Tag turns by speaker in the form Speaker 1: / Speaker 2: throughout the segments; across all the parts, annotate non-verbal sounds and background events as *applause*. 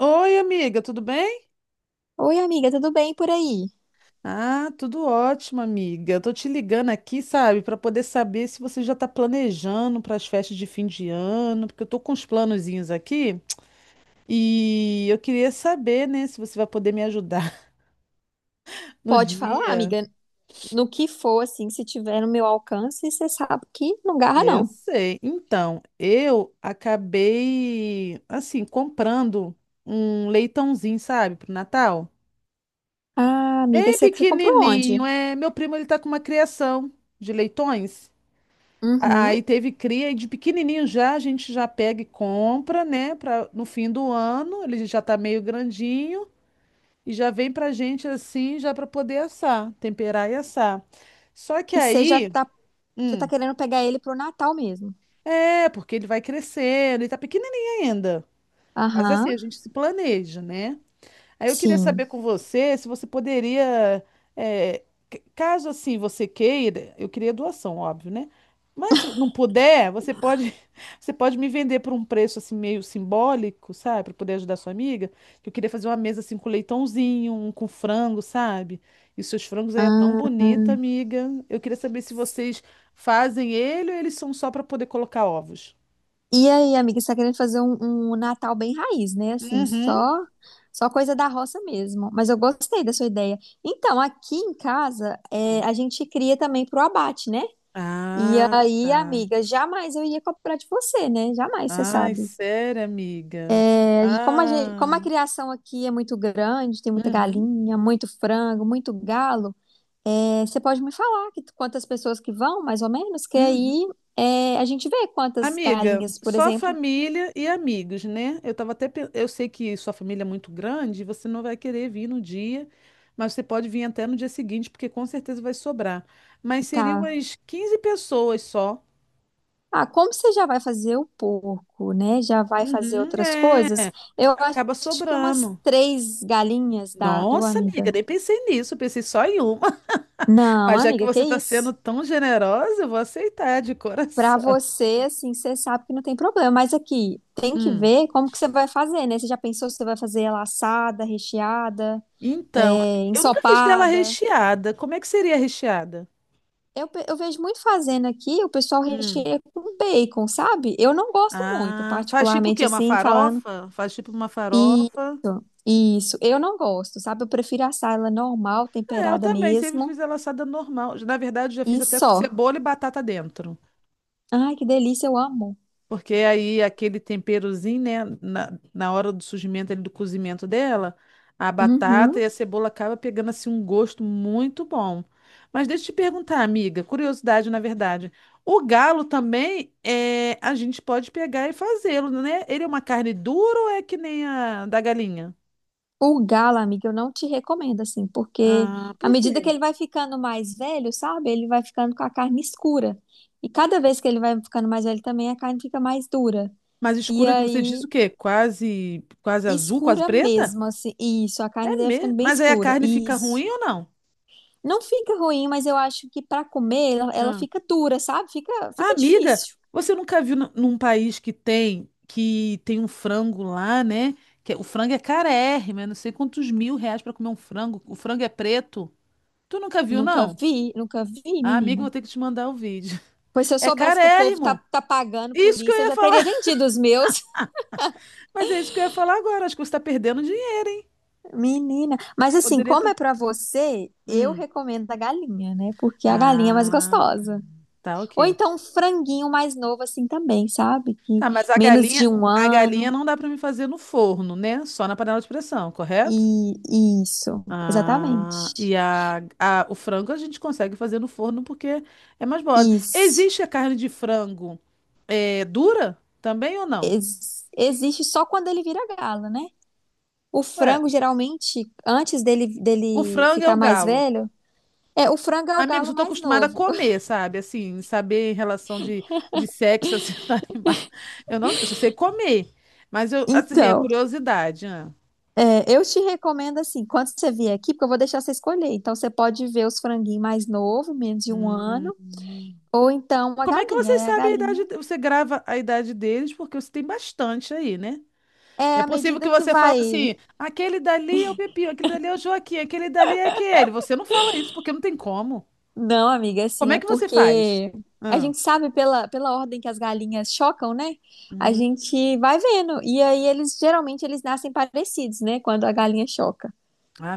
Speaker 1: Oi, amiga, tudo bem?
Speaker 2: Oi, amiga, tudo bem por aí?
Speaker 1: Ah, tudo ótimo, amiga. Eu tô te ligando aqui, sabe, para poder saber se você já tá planejando para as festas de fim de ano, porque eu tô com uns planozinhos aqui e eu queria saber, né, se você vai poder me ajudar *laughs* no
Speaker 2: Pode falar,
Speaker 1: dia.
Speaker 2: amiga, no que for, assim, se tiver no meu alcance, você sabe que não garra,
Speaker 1: Eu
Speaker 2: não.
Speaker 1: sei. Então, eu acabei, assim, comprando um leitãozinho, sabe, pro Natal.
Speaker 2: Ah, amiga,
Speaker 1: Bem
Speaker 2: você comprou onde?
Speaker 1: pequenininho, é. Meu primo, ele tá com uma criação de leitões.
Speaker 2: Uhum.
Speaker 1: Aí teve cria e de pequenininho já a gente já pega e compra, né? Pra, no fim do ano, ele já tá meio grandinho e já vem pra gente assim, já pra poder assar, temperar e assar. Só que
Speaker 2: E você
Speaker 1: aí,
Speaker 2: já tá
Speaker 1: hum,
Speaker 2: querendo pegar ele pro Natal mesmo?
Speaker 1: é, porque ele vai crescendo, ele tá pequenininho ainda. Mas assim,
Speaker 2: Aham,
Speaker 1: a gente se planeja, né? Aí eu queria
Speaker 2: sim.
Speaker 1: saber com você se você poderia, eh, caso assim você queira, eu queria doação, óbvio, né? Mas se não puder, você pode, *laughs* você pode me vender por um preço assim meio simbólico, sabe? Para poder ajudar sua amiga. Que eu queria fazer uma mesa assim com leitãozinho, um com frango, sabe? E seus frangos aí é tão
Speaker 2: Ah,
Speaker 1: bonita, amiga. Eu queria saber se vocês fazem ele ou eles são só para poder colocar ovos.
Speaker 2: e aí, amiga, você tá querendo fazer um Natal bem raiz, né? Assim, só,
Speaker 1: Uhum.
Speaker 2: só coisa da roça mesmo. Mas eu gostei da sua ideia. Então, aqui em casa, é, a gente cria também pro abate, né? E
Speaker 1: Ah,
Speaker 2: aí,
Speaker 1: tá.
Speaker 2: amiga, jamais eu ia comprar de você, né? Jamais, você
Speaker 1: Ai,
Speaker 2: sabe.
Speaker 1: sério, amiga?
Speaker 2: É, como a
Speaker 1: Ah,
Speaker 2: criação aqui é muito grande, tem muita
Speaker 1: uhum,
Speaker 2: galinha, muito frango, muito galo, é, você pode me falar quantas pessoas que vão, mais ou menos, que
Speaker 1: uhum.
Speaker 2: aí é, a gente vê quantas
Speaker 1: Amiga,
Speaker 2: galinhas, por
Speaker 1: só
Speaker 2: exemplo,
Speaker 1: família e amigos, né? Eu tava até, pe- eu sei que sua família é muito grande, você não vai querer vir no dia, mas você pode vir até no dia seguinte, porque com certeza vai sobrar. Mas seriam
Speaker 2: tá.
Speaker 1: umas 15 pessoas só.
Speaker 2: Ah, como você já vai fazer o porco, né? Já vai fazer
Speaker 1: Uhum,
Speaker 2: outras
Speaker 1: é,
Speaker 2: coisas? Eu acho
Speaker 1: acaba
Speaker 2: que umas
Speaker 1: sobrando.
Speaker 2: três galinhas dá, viu,
Speaker 1: Nossa, amiga,
Speaker 2: amiga?
Speaker 1: nem pensei nisso, eu pensei só em uma. *laughs*
Speaker 2: Não,
Speaker 1: Mas já que
Speaker 2: amiga, que
Speaker 1: você está sendo
Speaker 2: isso?
Speaker 1: tão generosa, eu vou aceitar de
Speaker 2: Pra
Speaker 1: coração.
Speaker 2: você, assim, você sabe que não tem problema, mas aqui tem que
Speaker 1: Hum.
Speaker 2: ver como que você vai fazer, né? Você já pensou se você vai fazer ela assada, recheada,
Speaker 1: Então, amiga,
Speaker 2: é,
Speaker 1: eu nunca fiz dela
Speaker 2: ensopada?
Speaker 1: recheada. Como é que seria recheada?
Speaker 2: Eu, eu vejo muito fazendo aqui, o pessoal
Speaker 1: Hum.
Speaker 2: recheia com bacon, sabe? Eu não gosto muito,
Speaker 1: Ah, faz tipo o
Speaker 2: particularmente
Speaker 1: quê? Uma
Speaker 2: assim, falando.
Speaker 1: farofa? Faz tipo uma farofa.
Speaker 2: Isso, eu não gosto, sabe? Eu prefiro assar ela normal,
Speaker 1: É, eu
Speaker 2: temperada
Speaker 1: também sempre
Speaker 2: mesmo,
Speaker 1: fiz ela assada normal. Na verdade, já fiz
Speaker 2: e
Speaker 1: até com
Speaker 2: só.
Speaker 1: cebola e batata dentro.
Speaker 2: Ai, que delícia, eu amo.
Speaker 1: Porque aí aquele temperozinho, né, na hora do surgimento ali, do cozimento dela, a batata
Speaker 2: Uhum.
Speaker 1: e a cebola acaba pegando assim um gosto muito bom. Mas deixa eu te perguntar, amiga, curiosidade na verdade. O galo também é, a gente pode pegar e fazê-lo, né? Ele é uma carne dura ou é que nem a da galinha?
Speaker 2: O galo, amiga, eu não te recomendo, assim, porque
Speaker 1: Ah,
Speaker 2: à
Speaker 1: por
Speaker 2: medida
Speaker 1: quê?
Speaker 2: que ele vai ficando mais velho, sabe? Ele vai ficando com a carne escura. E cada vez que ele vai ficando mais velho também, a carne fica mais dura.
Speaker 1: Mais
Speaker 2: E
Speaker 1: escura que você diz
Speaker 2: aí,
Speaker 1: o quê? Quase, quase azul, quase
Speaker 2: escura
Speaker 1: preta?
Speaker 2: mesmo, assim. Isso, a carne
Speaker 1: É
Speaker 2: dele vai
Speaker 1: mesmo.
Speaker 2: ficando bem
Speaker 1: Mas aí a
Speaker 2: escura.
Speaker 1: carne fica
Speaker 2: Isso.
Speaker 1: ruim ou não?
Speaker 2: Não fica ruim, mas eu acho que pra comer ela, ela
Speaker 1: Ah.
Speaker 2: fica dura, sabe? Fica,
Speaker 1: Ah,
Speaker 2: fica
Speaker 1: amiga,
Speaker 2: difícil.
Speaker 1: você nunca viu num país que tem um frango lá, né? O frango é carérrimo, é não sei quantos mil reais pra comer um frango. O frango é preto. Tu nunca viu,
Speaker 2: Nunca
Speaker 1: não?
Speaker 2: vi, nunca vi,
Speaker 1: Ah, amiga,
Speaker 2: menina.
Speaker 1: eu vou ter que te mandar o vídeo. *laughs*
Speaker 2: Pois se eu
Speaker 1: É
Speaker 2: soubesse que o povo tá,
Speaker 1: carérrimo.
Speaker 2: tá pagando por
Speaker 1: Isso que eu
Speaker 2: isso, eu
Speaker 1: ia
Speaker 2: já
Speaker 1: falar.
Speaker 2: teria
Speaker 1: *laughs*
Speaker 2: vendido os meus.
Speaker 1: Mas é isso que eu ia falar agora. Acho que você tá perdendo dinheiro, hein?
Speaker 2: Menina, mas assim,
Speaker 1: Poderia
Speaker 2: como
Speaker 1: estar.
Speaker 2: é pra você, eu recomendo a galinha, né? Porque é a galinha é mais
Speaker 1: Ah,
Speaker 2: gostosa.
Speaker 1: tá,
Speaker 2: Ou
Speaker 1: ok.
Speaker 2: então um franguinho mais novo assim também, sabe? Que
Speaker 1: Tá, mas
Speaker 2: menos de um
Speaker 1: a
Speaker 2: ano
Speaker 1: galinha não dá pra me fazer no forno, né? Só na panela de pressão, correto?
Speaker 2: e isso, exatamente.
Speaker 1: Ah, e o frango a gente consegue fazer no forno porque é mais mole.
Speaker 2: Isso.
Speaker 1: Existe a carne de frango dura também ou não?
Speaker 2: Existe só quando ele vira galo, né? O
Speaker 1: Ué,
Speaker 2: frango geralmente antes dele
Speaker 1: o
Speaker 2: dele
Speaker 1: frango é
Speaker 2: ficar
Speaker 1: o
Speaker 2: mais
Speaker 1: galo.
Speaker 2: velho, é o frango é o
Speaker 1: Amigos,
Speaker 2: galo
Speaker 1: eu tô
Speaker 2: mais
Speaker 1: acostumada a
Speaker 2: novo. *laughs*
Speaker 1: comer, sabe? Assim, saber em relação de sexo, assim, *laughs* do animal. Eu não, eu só sei comer. Mas eu, assim, é
Speaker 2: Então,
Speaker 1: curiosidade, né?
Speaker 2: é, eu te recomendo assim, quando você vier aqui, porque eu vou deixar você escolher. Então você pode ver os franguinhos mais novos, menos de um
Speaker 1: Hum.
Speaker 2: ano, ou então a
Speaker 1: Como é que
Speaker 2: galinha.
Speaker 1: vocês
Speaker 2: É a
Speaker 1: sabem a
Speaker 2: galinha.
Speaker 1: idade? Você grava a idade deles porque você tem bastante aí, né?
Speaker 2: É
Speaker 1: É
Speaker 2: à
Speaker 1: possível que
Speaker 2: medida que
Speaker 1: você fale
Speaker 2: vai.
Speaker 1: assim, aquele dali é o Pepinho, aquele dali é o Joaquim, aquele dali é aquele. Você não fala isso porque não tem como.
Speaker 2: Não, amiga,
Speaker 1: Como
Speaker 2: assim,
Speaker 1: é
Speaker 2: é
Speaker 1: que você faz?
Speaker 2: porque a
Speaker 1: Ah,
Speaker 2: gente sabe pela ordem que as galinhas chocam, né? A
Speaker 1: hum,
Speaker 2: gente vai vendo. E aí eles geralmente eles nascem parecidos, né? Quando a galinha choca.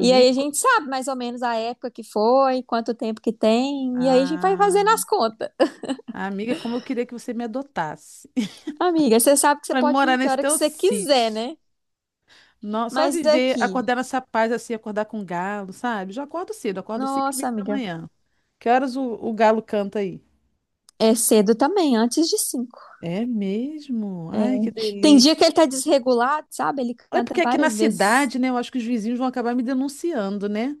Speaker 2: E aí a
Speaker 1: co-
Speaker 2: gente sabe mais ou menos a época que foi, quanto tempo que tem, e aí a gente vai
Speaker 1: ah,
Speaker 2: fazendo as contas.
Speaker 1: amiga, como eu queria que você me adotasse
Speaker 2: Amiga, você sabe que
Speaker 1: *laughs*
Speaker 2: você
Speaker 1: para
Speaker 2: pode
Speaker 1: morar
Speaker 2: vir que
Speaker 1: nesse
Speaker 2: hora que
Speaker 1: teu
Speaker 2: você quiser,
Speaker 1: sítio.
Speaker 2: né?
Speaker 1: Não, só
Speaker 2: Mas é
Speaker 1: viver,
Speaker 2: aqui,
Speaker 1: acordar nessa paz assim, acordar com galo, sabe? Já acordo cedo, acordo 5 e meia
Speaker 2: nossa,
Speaker 1: da
Speaker 2: amiga,
Speaker 1: manhã. Que horas o galo canta aí?
Speaker 2: é cedo também, antes de cinco.
Speaker 1: É mesmo?
Speaker 2: É.
Speaker 1: Ai, que
Speaker 2: Tem dia
Speaker 1: delícia.
Speaker 2: que ele tá desregulado, sabe? Ele
Speaker 1: É
Speaker 2: canta
Speaker 1: porque aqui na
Speaker 2: várias vezes.
Speaker 1: cidade, né, eu acho que os vizinhos vão acabar me denunciando, né?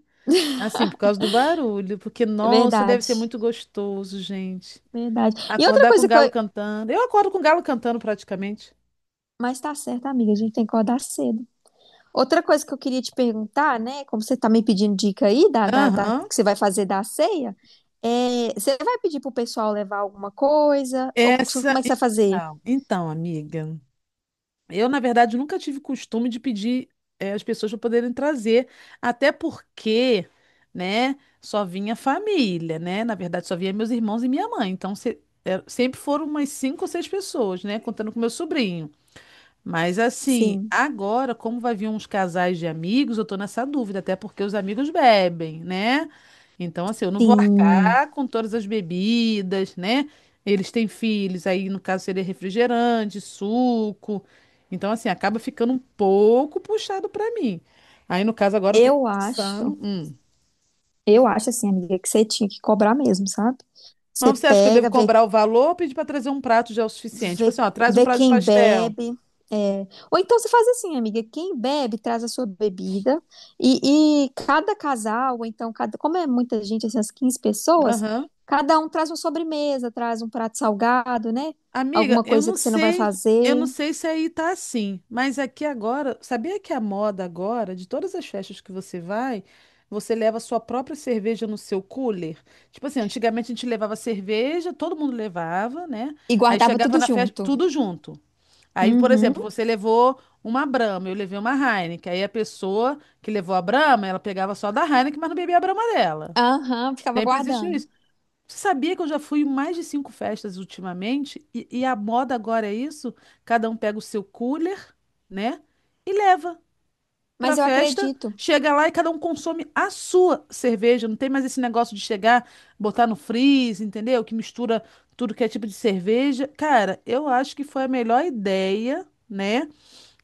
Speaker 1: Assim, por causa do barulho, porque,
Speaker 2: É
Speaker 1: nossa, deve
Speaker 2: verdade,
Speaker 1: ser muito gostoso, gente.
Speaker 2: verdade. E outra
Speaker 1: Acordar com o
Speaker 2: coisa que
Speaker 1: galo
Speaker 2: eu.
Speaker 1: cantando. Eu acordo com o galo cantando praticamente.
Speaker 2: Mas tá certo, amiga, a gente tem que acordar cedo. Outra coisa que eu queria te perguntar, né? Como você tá me pedindo dica aí da
Speaker 1: Aham.
Speaker 2: que você vai fazer da ceia, é, você vai pedir pro pessoal levar alguma coisa? Ou
Speaker 1: Essa.
Speaker 2: como é que você vai fazer?
Speaker 1: Então, amiga, eu, na verdade, nunca tive costume de pedir as pessoas para poderem trazer, até porque, né, só vinha família, né? Na verdade, só vinha meus irmãos e minha mãe. Então, sempre foram umas cinco ou seis pessoas, né? Contando com meu sobrinho. Mas assim,
Speaker 2: Sim.
Speaker 1: agora, como vai vir uns casais de amigos, eu tô nessa dúvida, até porque os amigos bebem, né? Então, assim, eu não vou
Speaker 2: Sim.
Speaker 1: arcar com todas as bebidas, né? Eles têm filhos, aí no caso seria refrigerante, suco. Então, assim, acaba ficando um pouco puxado pra mim. Aí, no caso, agora eu tô
Speaker 2: Eu acho,
Speaker 1: pensando.
Speaker 2: eu acho assim, amiga, que você tinha que cobrar mesmo, sabe? Você
Speaker 1: Mas você acha que eu devo
Speaker 2: pega,
Speaker 1: cobrar o valor ou pedir pra trazer um prato já é o suficiente? Tipo
Speaker 2: vê,
Speaker 1: assim, ó, traz um
Speaker 2: vê
Speaker 1: prato de
Speaker 2: quem
Speaker 1: pastel.
Speaker 2: bebe. É. Ou então você faz assim, amiga, quem bebe traz a sua bebida e cada casal, ou então cada, como é muita gente, assim, as 15 pessoas,
Speaker 1: Aham.
Speaker 2: cada um traz uma sobremesa, traz um prato salgado, né?
Speaker 1: Amiga,
Speaker 2: Alguma coisa que você não vai
Speaker 1: eu não
Speaker 2: fazer.
Speaker 1: sei se aí tá assim, mas aqui agora, sabia que a moda agora, de todas as festas que você vai, você leva a sua própria cerveja no seu cooler? Tipo assim, antigamente a gente levava cerveja, todo mundo levava, né?
Speaker 2: E
Speaker 1: Aí
Speaker 2: guardava
Speaker 1: chegava
Speaker 2: tudo
Speaker 1: na festa,
Speaker 2: junto.
Speaker 1: tudo junto. Aí, por exemplo,
Speaker 2: Uhum.
Speaker 1: você levou uma Brahma, eu levei uma Heineken. Aí a pessoa que levou a Brahma, ela pegava só da Heineken, mas não bebia a Brahma dela.
Speaker 2: Aham, ficava
Speaker 1: Sempre existiu
Speaker 2: guardando.
Speaker 1: isso. Você sabia que eu já fui em mais de cinco festas ultimamente? E a moda agora é isso? Cada um pega o seu cooler, né? E leva pra
Speaker 2: Mas eu
Speaker 1: festa.
Speaker 2: acredito.
Speaker 1: Chega lá e cada um consome a sua cerveja. Não tem mais esse negócio de chegar, botar no freeze, entendeu? Que mistura tudo que é tipo de cerveja. Cara, eu acho que foi a melhor ideia, né?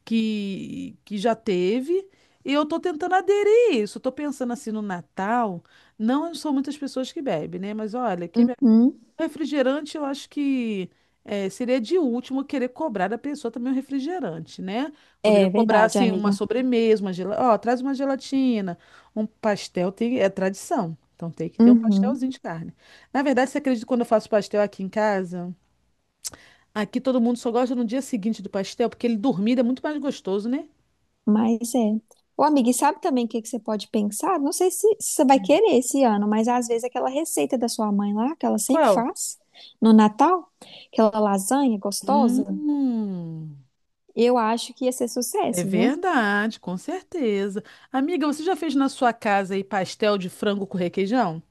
Speaker 1: Que já teve. E eu tô tentando aderir a isso. Eu tô pensando assim no Natal. Não são muitas pessoas que bebem, né? Mas olha, que
Speaker 2: Uhum.
Speaker 1: refrigerante, eu acho que seria de último querer cobrar da pessoa também um refrigerante, né? Poderia
Speaker 2: É
Speaker 1: cobrar,
Speaker 2: verdade,
Speaker 1: assim,
Speaker 2: amiga.
Speaker 1: uma sobremesa, uma gelatina. Ó, traz uma gelatina, um pastel, tem, é tradição. Então tem que ter um
Speaker 2: Uhum,
Speaker 1: pastelzinho de carne. Na verdade, você acredita que quando eu faço pastel aqui em casa? Aqui todo mundo só gosta no dia seguinte do pastel, porque ele dormido é muito mais gostoso, né?
Speaker 2: mas é. Ô, amiga, e sabe também o que que você pode pensar? Não sei se, se você vai querer esse ano, mas às vezes aquela receita da sua mãe lá, que ela sempre
Speaker 1: Qual?
Speaker 2: faz no Natal, aquela lasanha gostosa,
Speaker 1: Hum,
Speaker 2: eu acho que ia ser
Speaker 1: é
Speaker 2: sucesso, viu?
Speaker 1: verdade, com certeza. Amiga, você já fez na sua casa aí pastel de frango com requeijão?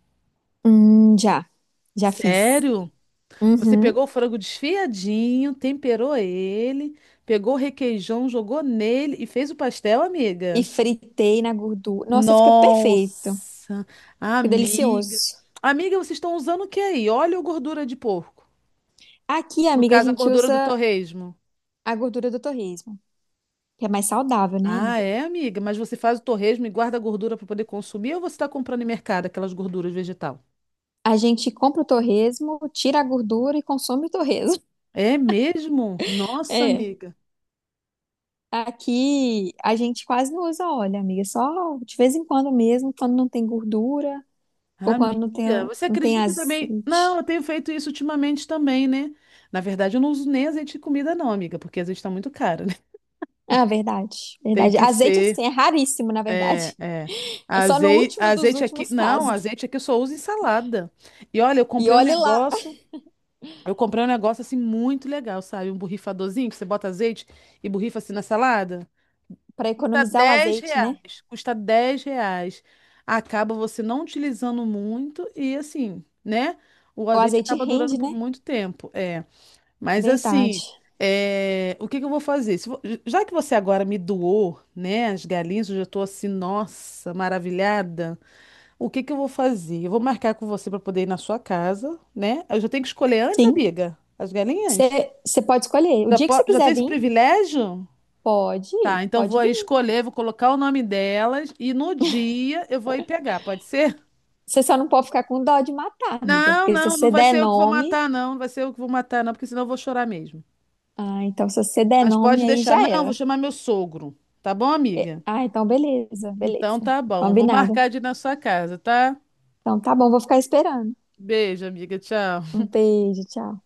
Speaker 2: Já, já fiz.
Speaker 1: Sério? Você pegou o
Speaker 2: Uhum.
Speaker 1: frango desfiadinho, temperou ele, pegou o requeijão, jogou nele e fez o pastel,
Speaker 2: E
Speaker 1: amiga?
Speaker 2: fritei na gordura. Nossa, fica perfeito.
Speaker 1: Nossa,
Speaker 2: Fica
Speaker 1: amiga.
Speaker 2: delicioso.
Speaker 1: Amiga, vocês estão usando o que aí? Óleo ou gordura de porco?
Speaker 2: Aqui,
Speaker 1: No
Speaker 2: amiga, a
Speaker 1: caso, a
Speaker 2: gente
Speaker 1: gordura do
Speaker 2: usa
Speaker 1: torresmo.
Speaker 2: a gordura do torresmo, que é mais saudável, né,
Speaker 1: Ah,
Speaker 2: amiga?
Speaker 1: é, amiga? Mas você faz o torresmo e guarda a gordura para poder consumir ou você está comprando em mercado aquelas gorduras vegetal?
Speaker 2: A gente compra o torresmo, tira a gordura e consome o torresmo. *laughs*
Speaker 1: É mesmo? Nossa,
Speaker 2: É.
Speaker 1: amiga.
Speaker 2: Aqui a gente quase não usa óleo, amiga. Só de vez em quando mesmo, quando não tem gordura ou quando não
Speaker 1: Amiga,
Speaker 2: tem,
Speaker 1: você
Speaker 2: não tem
Speaker 1: acredita que eu também. Não, eu
Speaker 2: azeite.
Speaker 1: tenho feito isso ultimamente também, né? Na verdade, eu não uso nem azeite de comida, não, amiga, porque azeite tá muito caro, né?
Speaker 2: Ah, verdade,
Speaker 1: *laughs* Tem
Speaker 2: verdade.
Speaker 1: que
Speaker 2: Azeite,
Speaker 1: ser.
Speaker 2: assim, é raríssimo, na
Speaker 1: É,
Speaker 2: verdade. *laughs*
Speaker 1: é.
Speaker 2: É só no
Speaker 1: Azeite,
Speaker 2: último dos
Speaker 1: azeite aqui.
Speaker 2: últimos
Speaker 1: Não,
Speaker 2: casos.
Speaker 1: azeite aqui eu só uso em salada. E olha, eu
Speaker 2: E
Speaker 1: comprei um
Speaker 2: olhe lá,
Speaker 1: negócio. Eu comprei um negócio assim muito legal, sabe? Um borrifadorzinho que você bota azeite e borrifa assim na salada.
Speaker 2: para
Speaker 1: Custa
Speaker 2: economizar o
Speaker 1: 10
Speaker 2: azeite, né?
Speaker 1: reais. Custa 10 reais. Acaba você não utilizando muito e assim, né? O
Speaker 2: O
Speaker 1: azeite
Speaker 2: azeite
Speaker 1: acaba durando
Speaker 2: rende,
Speaker 1: por
Speaker 2: né?
Speaker 1: muito tempo. É. Mas assim,
Speaker 2: Verdade.
Speaker 1: é, o que que eu vou fazer? Se vo- Já que você agora me doou, né, as galinhas, eu já tô assim, nossa, maravilhada. O que que eu vou fazer? Eu vou marcar com você para poder ir na sua casa, né? Eu já tenho que escolher antes,
Speaker 2: Sim.
Speaker 1: amiga, as galinhas?
Speaker 2: Você pode escolher. O
Speaker 1: Já,
Speaker 2: dia que
Speaker 1: po-
Speaker 2: você
Speaker 1: já tem
Speaker 2: quiser
Speaker 1: esse
Speaker 2: vir,
Speaker 1: privilégio?
Speaker 2: pode,
Speaker 1: Tá, então vou
Speaker 2: pode
Speaker 1: aí
Speaker 2: vir.
Speaker 1: escolher, vou colocar o nome delas e no dia eu vou aí pegar, pode ser?
Speaker 2: Você só não pode ficar com dó de matar, amiga,
Speaker 1: Não,
Speaker 2: porque se
Speaker 1: não,
Speaker 2: você
Speaker 1: não vai
Speaker 2: der
Speaker 1: ser eu que vou
Speaker 2: nome,
Speaker 1: matar, não. Não vai ser eu que vou matar, não, porque senão eu vou chorar mesmo.
Speaker 2: ah, então se você der
Speaker 1: Mas pode
Speaker 2: nome aí
Speaker 1: deixar.
Speaker 2: já
Speaker 1: Não, vou
Speaker 2: era.
Speaker 1: chamar meu sogro. Tá bom, amiga?
Speaker 2: Ah, então beleza,
Speaker 1: Então
Speaker 2: beleza.
Speaker 1: tá bom. Vou marcar
Speaker 2: Combinado.
Speaker 1: de ir na sua casa, tá?
Speaker 2: Então tá bom, vou ficar esperando.
Speaker 1: Beijo, amiga. Tchau.
Speaker 2: Um beijo, tchau.